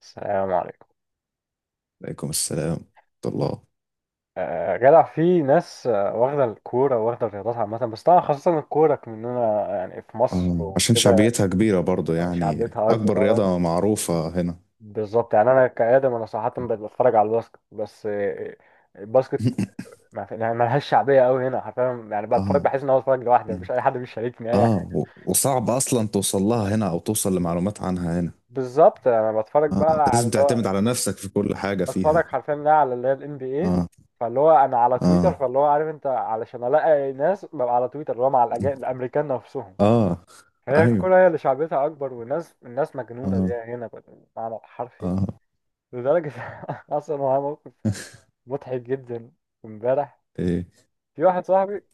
السلام عليكم. عليكم السلام ورحمة الله. جدع في ناس، واخدة الكورة واخدة الرياضات عامة، بس طبعا خاصة الكورة مننا يعني في مصر اه، عشان وكده. شعبيتها كبيرة برضو، يعني شعبيتها أكبر، أكبر اه. رياضة معروفة هنا. بالظبط، يعني أنا كآدم، أنا صراحة بقيت بتفرج على الباسكت بس. الباسكت ما في- يعني ملهاش شعبية أوي هنا، حرفيا يعني بتفرج اه. بحس إن أنا بتفرج لوحدي، مفيش مم. أي حد بيشاركني أي حاجة. اه، و- وصعب أصلا توصل لها هنا أو توصل لمعلومات عنها هنا. بالظبط. أنا بتفرج اه، أنت بقى على لازم اللي تعتمد هو على نفسك في كل حاجة بتفرج فيها. حرفيا بقى على اللي هي ال NBA، اه، فاللي هو انا على اه، تويتر، فاللي هو عارف انت علشان الاقي ناس، ببقى على تويتر اللي هو مع الامريكان نفسهم. اه، هي أيوه، الكرة هي اللي شعبيتها أكبر، والناس، الناس مجنونة اه، بيها هنا بالمعنى الحرفي، اه. لدرجة. أصلا هو موقف مضحك جدا. امبارح ايه، في واحد صاحبي،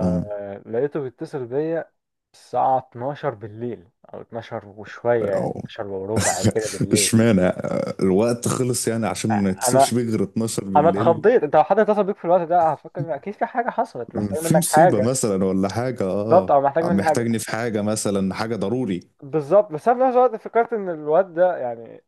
اه. لقيته بيتصل بيا الساعة 12 بالليل، أو 12 وشوية، يعني أو- 12 وربع كده بالليل. اشمعنى الوقت خلص يعني عشان ما أنا يتصلش بيه غير 12 أنا بالليل. اتخضيت. أنت لو حد اتصل بيك في الوقت ده هفكر إن أكيد في حاجة حصلت، محتاج في منك مصيبة حاجة. مثلا ولا حاجة، بالظبط، اه. أو محتاج مني محتاجني حاجة. في حاجة مثلا، حاجة ضروري. بالظبط. بس أنا في نفس الوقت فكرت إن الواد ده يعني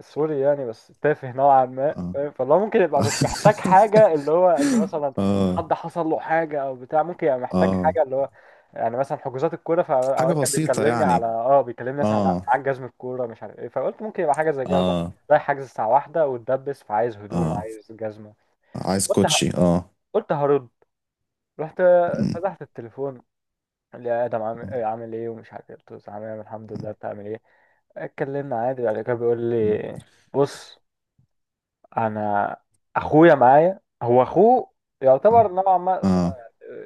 سوري، يعني بس تافه نوعا ما، اه. فاهم. فاللي هو ممكن يبقى مش محتاج حاجة، اللي هو إن مثلا اه، حد حصل له حاجة أو بتاع، ممكن يبقى محتاج اه. حاجة، اللي هو يعني مثلا حجوزات الكورة. حاجة فأوقات كان بسيطة يعني. بيكلمني مثلا على اه، معاك جزم الكورة مش عارف إيه، فقلت ممكن يبقى حاجة زي كده مثلا، اه، رايح حجز الساعة واحدة واتدبس، فعايز هدوم، اه. عايز جزمة. عايز قلت ه... كوتشي، اه. قلت هرد. رحت مم. فتحت التليفون. قال لي يا آدم، عامل اه، إيه عامل إيه ومش عارف إيه، قلت له عامل إيه الحمد لله، بتعمل إيه. اتكلمنا عادي، بعد كده بيقول لي، بص، انا اخويا معايا، هو اخوه يعتبر نوعا ما اه.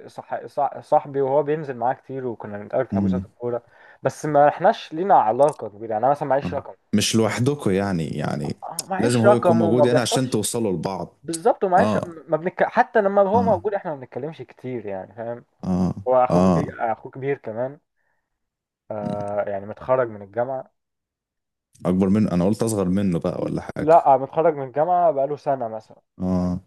صح صح صاحبي، وهو بينزل معاه كتير وكنا بنتقابل في حجوزات مم. الكوره، بس ما احناش لينا علاقه كبيره. يعني انا مثلا معيش آه. رقم، مش لوحدكم يعني. لازم معيش هو يكون رقم وما موجود يعني عشان بيحصلش. توصلوا لبعض. بالظبط، ومعيش اه، ما بنك... حتى لما هو اه، موجود احنا ما بنتكلمش كتير يعني، فاهم. اه، هو اخوه اه. كبير، اخوه كبير كمان. مم. يعني متخرج من الجامعه، اكبر منه؟ انا قلت اصغر منه بقى ولا حاجة. لا متخرج من الجامعه بقاله سنه مثلا. اه،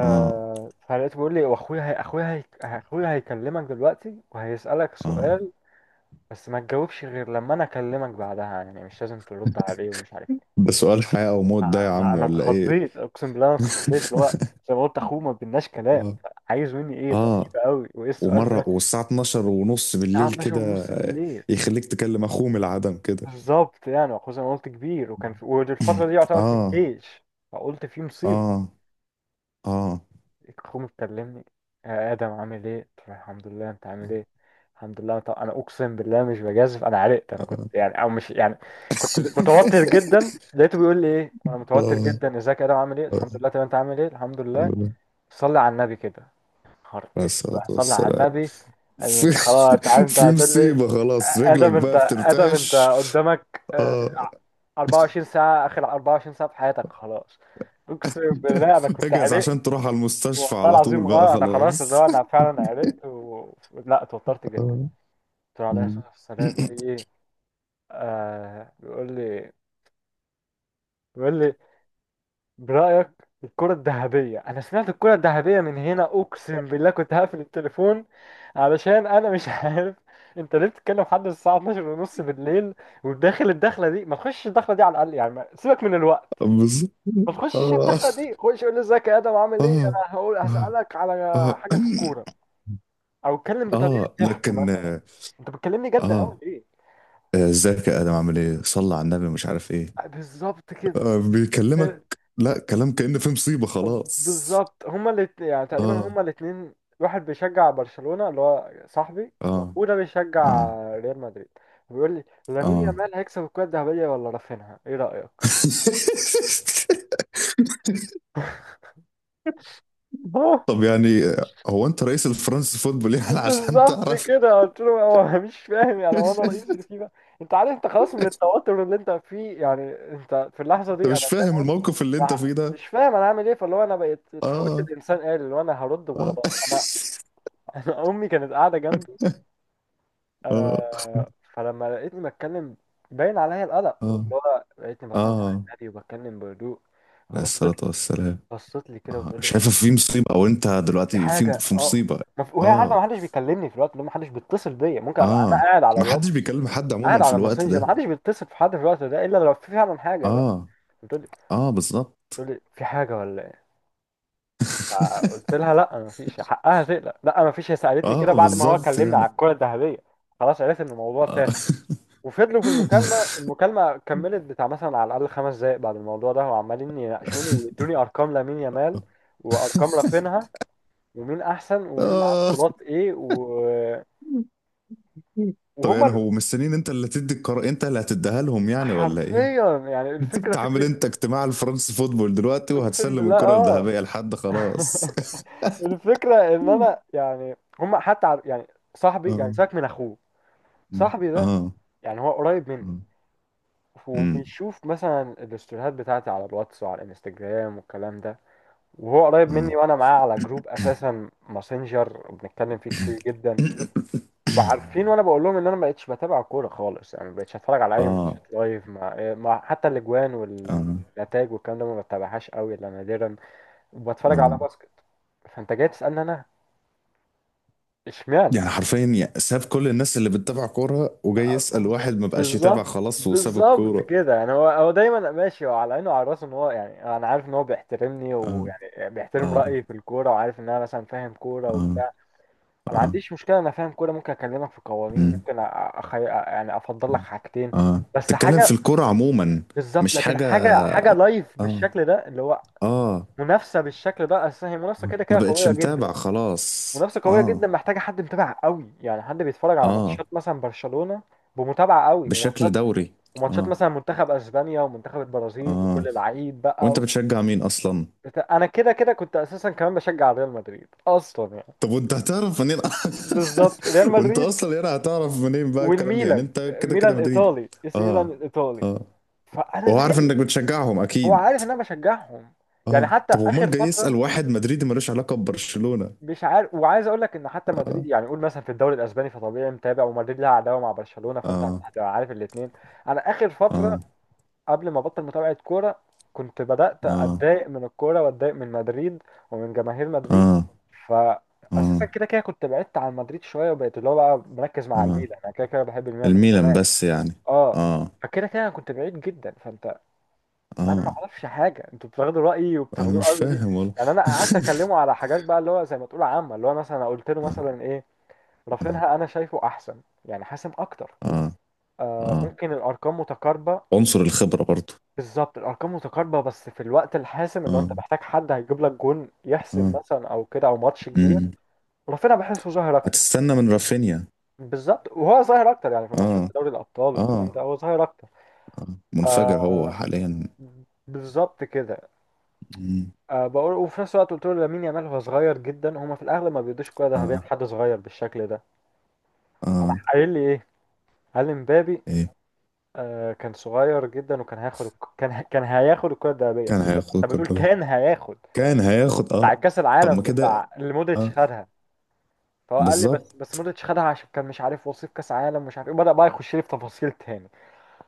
اه، فلقيته بيقول لي، واخويا هي اخويا هي اخويا هيكلمك دلوقتي وهيسألك اه. سؤال، بس ما تجاوبش غير لما انا اكلمك بعدها، يعني مش لازم ترد عليه، ومش عارف ايه. ده سؤال حياة أو موت ده يا انا عم انا ولا إيه؟ اتخضيت، اقسم بالله انا اتخضيت، اللي هو زي ما قلت اخوه ما بيناش كلام، آه، عايز مني ايه؟ غريبة آه، قوي، وايه السؤال ومرة ده؟ والساعة 12 ونص الساعة بالليل 12 كده؟ ونص بالليل. يخليك تكلم أخوه من العدم كده. بالظبط. يعني واخوه زي ما قلت كبير، وكان في، والفترة دي يعتبر في آه، الجيش. فقلت في مصيبة. آه، آه، اخوه بتكلمني، يا ادم عامل ايه، قلت له الحمد لله انت عامل ايه، الحمد لله. طب انا اقسم بالله مش بجازف، انا عرقت، انا كنت آه. يعني او مش يعني، كنت متوتر جدا. لقيته بيقول لي ايه وانا متوتر آه، جدا، ازيك يا ادم عامل ايه، آه. الحمد لله، طب انت عامل ايه، الحمد لله، الحمد لله. صلي على النبي كده. خر عليه اسود، الصلاة صلي على والسلام. النبي. قال لي في انت خلاص انت عارف انت في هتقول لي، مصيبة خلاص، رجلك ادم، انت بقى ادم، انت بترتعش. قدامك آه. 24 ساعه، اخر 24 ساعه في حياتك، خلاص. اقسم بالله انا كنت اجهز عرقت، عشان تروح على المستشفى والله على طول العظيم بقى اه، انا خلاص، اللي خلاص. هو انا فعلا عرقت لا اتوترت جدا. آه. قلت له عليه الصلاه والسلام في ايه. آه بيقول لي بيقول لي برايك الكره الذهبيه. انا سمعت الكره الذهبيه من هنا، اقسم بالله كنت هقفل التليفون، علشان انا مش عارف. انت ليه بتتكلم لحد الساعه 12 ونص بالليل، وداخل الدخله دي؟ ما تخشش الدخله دي على الاقل يعني، سيبك من الوقت، بالظبط. ما تخشش اه، الدخله دي، خش قول لي ازيك يا ادم عامل ايه، اه، انا هقول اه، هسالك على اه. حاجه في الكوره، او اتكلم بطريقه اه، ضحك لكن مثلا. اه. انت بتكلمني جد آه، قوي ليه؟ ازيك يا ادم عامل ايه، صلى على النبي، مش عارف ايه. بالظبط كده. آه، بيكلمك لا كلام، كأن في مصيبة خلاص. بالظبط، هما الاتنين يعني تقريبا، اه، هما الاتنين، واحد بيشجع برشلونة اللي هو صاحبي، اه، واخوه ده اه، بيشجع ريال مدريد. بيقول لي، لامين اه. يامال هيكسب الكرة الذهبية ولا رافينها، ايه رأيك؟ اه. طب يعني، هو انت رئيس الفرنسي فوتبول يعني عشان بالظبط تعرف؟ كده، قلت له، هو مش فاهم يعني، هو انا رئيس اللي فيه بقى؟ انت عارف، انت خلاص من التوتر اللي انت فيه يعني، انت في اللحظة دي انت مش انا فاهم، فاهم الموقف اللي انت فيه ده. مش فاهم انا عامل ايه، فاللي هو انا بقيت اتحولت اه، لانسان آلي، اللي هو انا هرد اه، وخلاص انا. انا امي كانت قاعده جنبي. اه، فلما لقيتني بتكلم، باين عليا القلق، اه، واللي هو لقيتني اه. بصلي على النبي وبتكلم بهدوء، عليه فبصت. الصلاة والسلام. بصت لي كده اه، وتقول لي، شايفه في مصيبه او انت في دلوقتي في حاجه؟ في اه. مصيبه. ما في- وهي عارفه اه، ما حدش بيكلمني في الوقت ده، ما حدش بيتصل بيا، ممكن ابقى انا اه. قاعد على ما حدش الواتس، بيكلم حد قاعد عموما في على الوقت الماسنجر، ما ده. حدش بيتصل في حد في الوقت ده الا لو في فعلا حاجه بقى. اه، بتقول لي اه، بالظبط. بتقول لي في حاجه ولا؟ فقلت لها لا ما فيش، حقها تقلق، لا ما فيش، هي سالتني كده اه، بعد ما هو بالظبط كلمنا يعني. على الكره الذهبيه، خلاص عرفت ان الموضوع اه. تافه. وفضلوا في المكالمه كملت بتاع مثلا على الاقل 5 دقائق بعد الموضوع ده، وعمالين يناقشوني ويدوني ارقام لامين يامال وارقام رافينها، ومين احسن ومين معاه اه. بطولات ايه طب وهما يعني ال- هو مستنيين انت اللي تدي القرار، انت اللي هتديها لهم يعني ولا ايه؟ حرفيا يعني الفكره انت عامل فكره، انت اجتماع الفرنس فوتبول دلوقتي اقسم وهتسلم بالله الكرة اه. الذهبية لحد؟ خلاص. الفكره ان انا يعني هما حتى يعني صاحبي يعني اه، ساك من اخوه، صاحبي اه، ده اه، يعني هو قريب مني، امم، وبيشوف مثلا الاستوريهات بتاعتي على الواتس وعلى الانستجرام والكلام ده، وهو قريب اه، مني، وانا معاه على جروب اساسا ماسنجر بنتكلم فيه كتير جدا، وعارفين، وانا بقول لهم ان انا ما بقتش بتابع كوره خالص، يعني ما بقتش اتفرج على اي اه، ماتشات لايف، حتى الاجوان اه، والنتائج والكلام ده ما بتابعهاش قوي الا نادرا، وبتفرج على اه. باسكت. فانت جاي تسالني انا، اشمعنى؟ يعني حرفيا ساب كل الناس اللي بتتابع كورة وجاي يسأل واحد ما بقاش يتابع بالظبط. خلاص وساب بالظبط الكورة. كده، يعني هو دايما ماشي هو على عينه وعلى راسه ان هو، يعني انا عارف ان هو بيحترمني، اه، ويعني بيحترم اه، رايي في الكوره، وعارف ان انا مثلا فاهم كوره اه، وبتاع. أنا ما اه. عنديش مشكله، انا فاهم كوره، ممكن اكلمك في قوانين، مم. ممكن يعني افضل لك حاجتين اه، بس، تتكلم في حاجه. الكورة عموما، بالظبط، مش لكن حاجة. حاجه لايف اه، بالشكل ده، اللي هو اه، منافسه بالشكل ده، اصل هي منافسه كده ما كده بقتش قويه متابع جدا، خلاص، منافسه قويه اه. جدا محتاجه حد متابع قوي، يعني حد بيتفرج على اه، ماتشات مثلا برشلونه بمتابعه قوي، بشكل وماتشات، دوري. وماتشات اه، مثلا منتخب اسبانيا ومنتخب البرازيل اه، وكل العقيد وانت بقى. بتشجع مين اصلا؟ انا كده كده كنت اساسا كمان بشجع ريال مدريد اصلا يعني. طب وانت هتعرف منين؟ بالظبط، ريال وانت مدريد اصلا هنا هتعرف منين بقى الكلام ده يعني؟ والميلان. انت كده كده ميلان مدريدي. ايطالي، اسم ميلان اه، الايطالي، اه، فانا وهو عارف مالي. انك بتشجعهم هو اكيد. عارف ان انا بشجعهم. يعني اه، حتى طب اخر امال جاي يسأل فتره واحد مدريدي ملوش علاقة ببرشلونة؟ مش عارف، وعايز اقول لك ان حتى مدريد اه، يعني، قول مثلا في الدوري الاسباني، فطبيعي متابع، ومدريد لها عداوه مع برشلونه، فانت اه، هتبقى عارف الاثنين. انا اخر فتره اه، قبل ما ابطل متابعة كورة كنت بدأت اه، اتضايق من الكورة، واتضايق من مدريد، ومن جماهير مدريد، اه، فاساسا اه، كده كده كنت بعدت عن مدريد شوية، وبقيت اللي هو بقى مركز مع اه، الميلان، انا كده كده بحب الميلان من الميلان زمان بس يعني. اه. اه، فكده كده انا كنت بعيد جدا. فانت، انا ما اه، اعرفش حاجه، انتوا بتاخدوا رايي انا وبتاخدوه مش قوي ليه؟ فاهم والله. يعني انا قعدت اكلمه على حاجات بقى، اللي هو زي ما تقول عامه، اللي هو مثلا قلت له اه، مثلا ايه، اه، رافينها انا شايفه احسن، يعني حاسم اكتر. اه، آه، اه، ممكن الارقام متقاربه، عنصر الخبرة برضو. بالظبط الارقام متقاربه، بس في الوقت الحاسم، اللي هو انت اه، محتاج حد هيجيب لك جون يحسم اه، مثلا او كده، او ماتش كبير. امم، رافينيا بحسه ظاهر اكتر. هتستنى من رافينيا. بالظبط، وهو ظاهر اكتر يعني في اه، ماتشات دوري الابطال والكلام اه، ده، هو ظاهر اكتر. آه. منفجر آه. هو حاليا. بالظبط كده. مم. بقول، وفي نفس الوقت قلت له، لامين يامال هو صغير جدا، هما في الاغلب ما بيدوش كوره ذهبيه اه، لحد صغير بالشكل ده. اه، راح قايل لي ايه، قال لي مبابي، ايه؟ كان صغير جدا وكان هياخد كان هياخد الكره الذهبيه. كان قلت له طب هياخد انت بتقول الكرة، كان هياخد، كان هياخد بتاع اه. كاس طب ما العالم، كده، بتاع اللي مودريتش اه. خدها. فهو قال لي بس بالظبط. بس مودريتش خدها عشان كان مش عارف، وصيف كاس عالم مش عارف ايه، بدأ بقى يخش لي في تفاصيل تاني.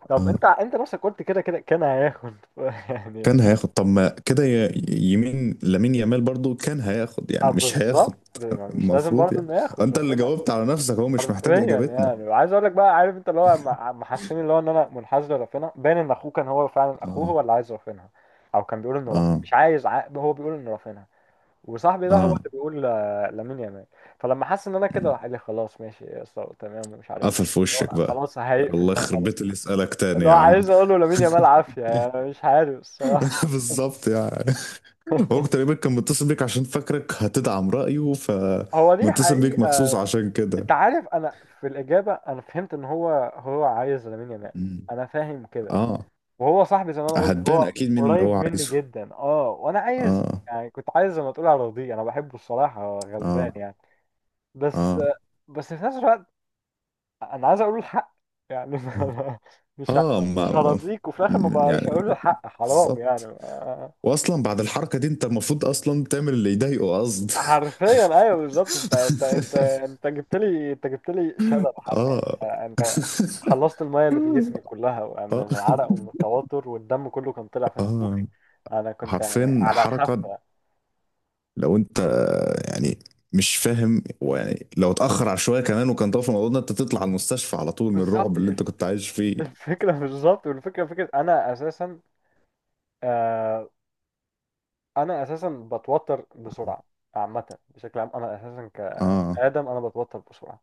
طب اه، انت نفسك قلت كده كده كان هياخد. يعني كان هياخد؟ طب ما كده، يمين لامين يامال برضو كان هياخد، اه، يعني مش هياخد. بالظبط يعني مش لازم المفروض برضه يعني. انه ياخد انت اللي رافينا. جاوبت على نفسك، هو مش حرفيا. محتاج اجابتنا. يعني وعايز اقول لك بقى، عارف انت اللي هو محسسني اللي هو ان انا منحاز لرافينا، باين ان اخوه كان هو فعلا اخوه، اه، هو اللي عايز رافينا، او كان بيقول انه رافينا اه، مش عايز هو بيقول انه رافينا، وصاحبي ده هو اه. اللي بيقول لامين يامال. فلما حس ان انا مم. كده راح قال لي خلاص ماشي يا اسطى تمام ومش عارف قفل ايه. في وشك بقى. خلاص هيقفل الله بقى يخرب خلاص. بيت اللي يسألك تاني اللي هو يا عم. عايز اقوله لامين يامال عافيه، يعني مش عارف الصراحه. بالظبط يعني. هو تقريبا كان متصل بيك عشان فاكرك هتدعم رأيه، هو دي فمتصل بيك حقيقه. مخصوص عشان كده. انت عارف، انا في الاجابه انا فهمت ان هو هو عايز لامين يامال، مم. انا فاهم كده. اه، وهو صاحبي زي ما انا قلت هتبان هو اكيد مين اللي هو قريب مني عايزه. جدا اه، وانا عايز اه، يعني كنت عايز زي ما تقول ارضيه، انا بحبه الصراحه هو غلبان اه، يعني. اه، بس اه، بس في نفس الوقت انا عايز اقول له الحق، يعني. مش ه- آه، مش ما هرضيك، وفي الاخر ما بقاش يعني. هقول له الحق حرام يعني. بالظبط. واصلا بعد الحركة دي، انت المفروض اصلا تعمل اللي يضايقه قصد. حرفيا، ايوه بالظبط. انت جبت لي، شلل حرفيا اه. انت. خلصت الميه اللي في جسمي كلها من اه، العرق ومن التوتر، والدم كله كان طلع في اه، نافوخي، انا كنت يعني حرفيا على حركة. الحافه. لو انت يعني مش فاهم، ويعني لو اتأخر على شوية كمان وكان طرف الموضوع ده، انت تطلع على المستشفى على طول من بالظبط. الرعب اللي انت كنت عايش فيه. الفكره بالظبط، والفكره فكره انا اساسا. آه، انا اساسا بتوتر بسرعه عامه، بشكل عام انا اساسا اه، كادم انا بتوتر بسرعه.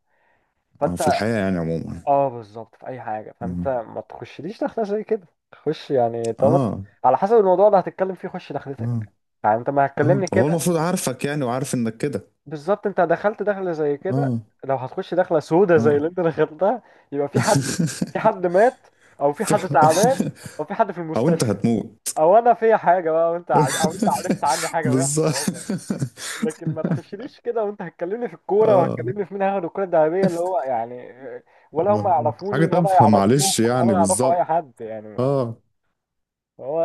اه، فانت في الحياة يعني عموما. اه بالظبط في اي حاجه. فانت مم. ما تخشليش دخله زي كده، خش يعني طالما، اه، على حسب الموضوع اللي هتتكلم فيه خش دخلتك. اه، يعني انت ما اه، هتكلمني هو كده. المفروض عارفك يعني وعارف انك كده. بالظبط. انت دخلت دخله زي كده، اه، لو هتخش دخله سودة زي اه. اللي انت دخلتها يبقى في حد في حد مات، او في حد فعلا. تعبان، او في حد في او انت المستشفى، هتموت. او انا فيا حاجه بقى، او انت عرفت عني حاجه بالظبط. وحشه. لكن ما تخشليش كده وانت هتكلمني في الكوره اه، وهتكلمني في مين هياخد الكوره الذهبيه اللي هو يعني، ولا هم آه، حاجة يعرفوني ولا تافهة معلش يعرفوك ولا يعني، يعرفوا اي بالظبط. حد يعني اه، هو.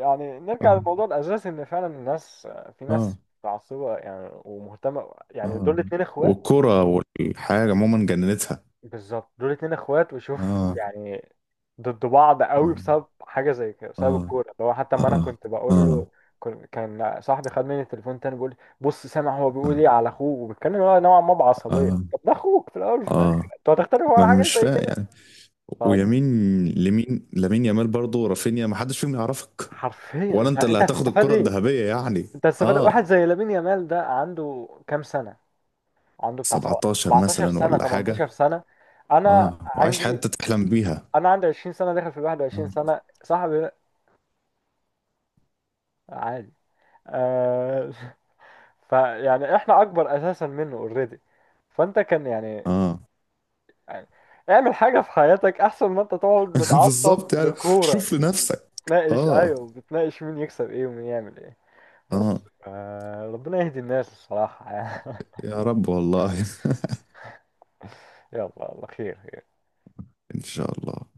يعني نرجع اه، للموضوع الاساسي، ان فعلا الناس، في اه، ناس متعصبه يعني، ومهتمه يعني، اه، دول اتنين اخوات. والكرة والحاجة عموما جننتها. بالظبط دول اتنين اخوات، وشوف اه، يعني ضد بعض قوي اه، بسبب حاجه زي كده، بسبب اه، الكوره. اللي هو حتى ما انا اه، كنت بقول له، اه، كان صاحبي خد مني التليفون تاني بيقول لي بص سامع هو بيقول اه، ايه على اخوه وبيتكلم هو نوعا ما بعصبيه، اه، طب ده اخوك في الاول وفي الاخر، اه. انتوا هتختلفوا ما على حاجه مش زي فاهم كده؟ يعني. طب ويمين لمين؟ لامين يامال برضه؟ رافينيا؟ ما حدش فيهم يعرفك. حرفيا، ولا انت انت اللي انت هتاخد هتستفاد الكرة ايه؟ الذهبية يعني. انت هتستفاد، واحد اه، زي لامين يامال ده عنده كام سنه؟ عنده بتاع 17 17 مثلا سنه، ولا 18 حاجة. سنه. انا اه، وعايش عندي حياتك تحلم بيها. انا عندي 20 سنه، داخل في 21 اه، سنه. صاحبي ده عادي آه. فيعني احنا اكبر اساسا منه اوريدي. فانت كان يعني، اه. يعني اعمل حاجه في حياتك احسن ما انت تقعد متعصب بالظبط يعني، لكوره شوف لنفسك. وتناقش، اه، ايوه بتناقش مين يكسب ايه ومين يعمل ايه. اه، بس آه، ربنا يهدي الناس الصراحه يعني. يا رب والله. يلا الله خير. ان شاء الله.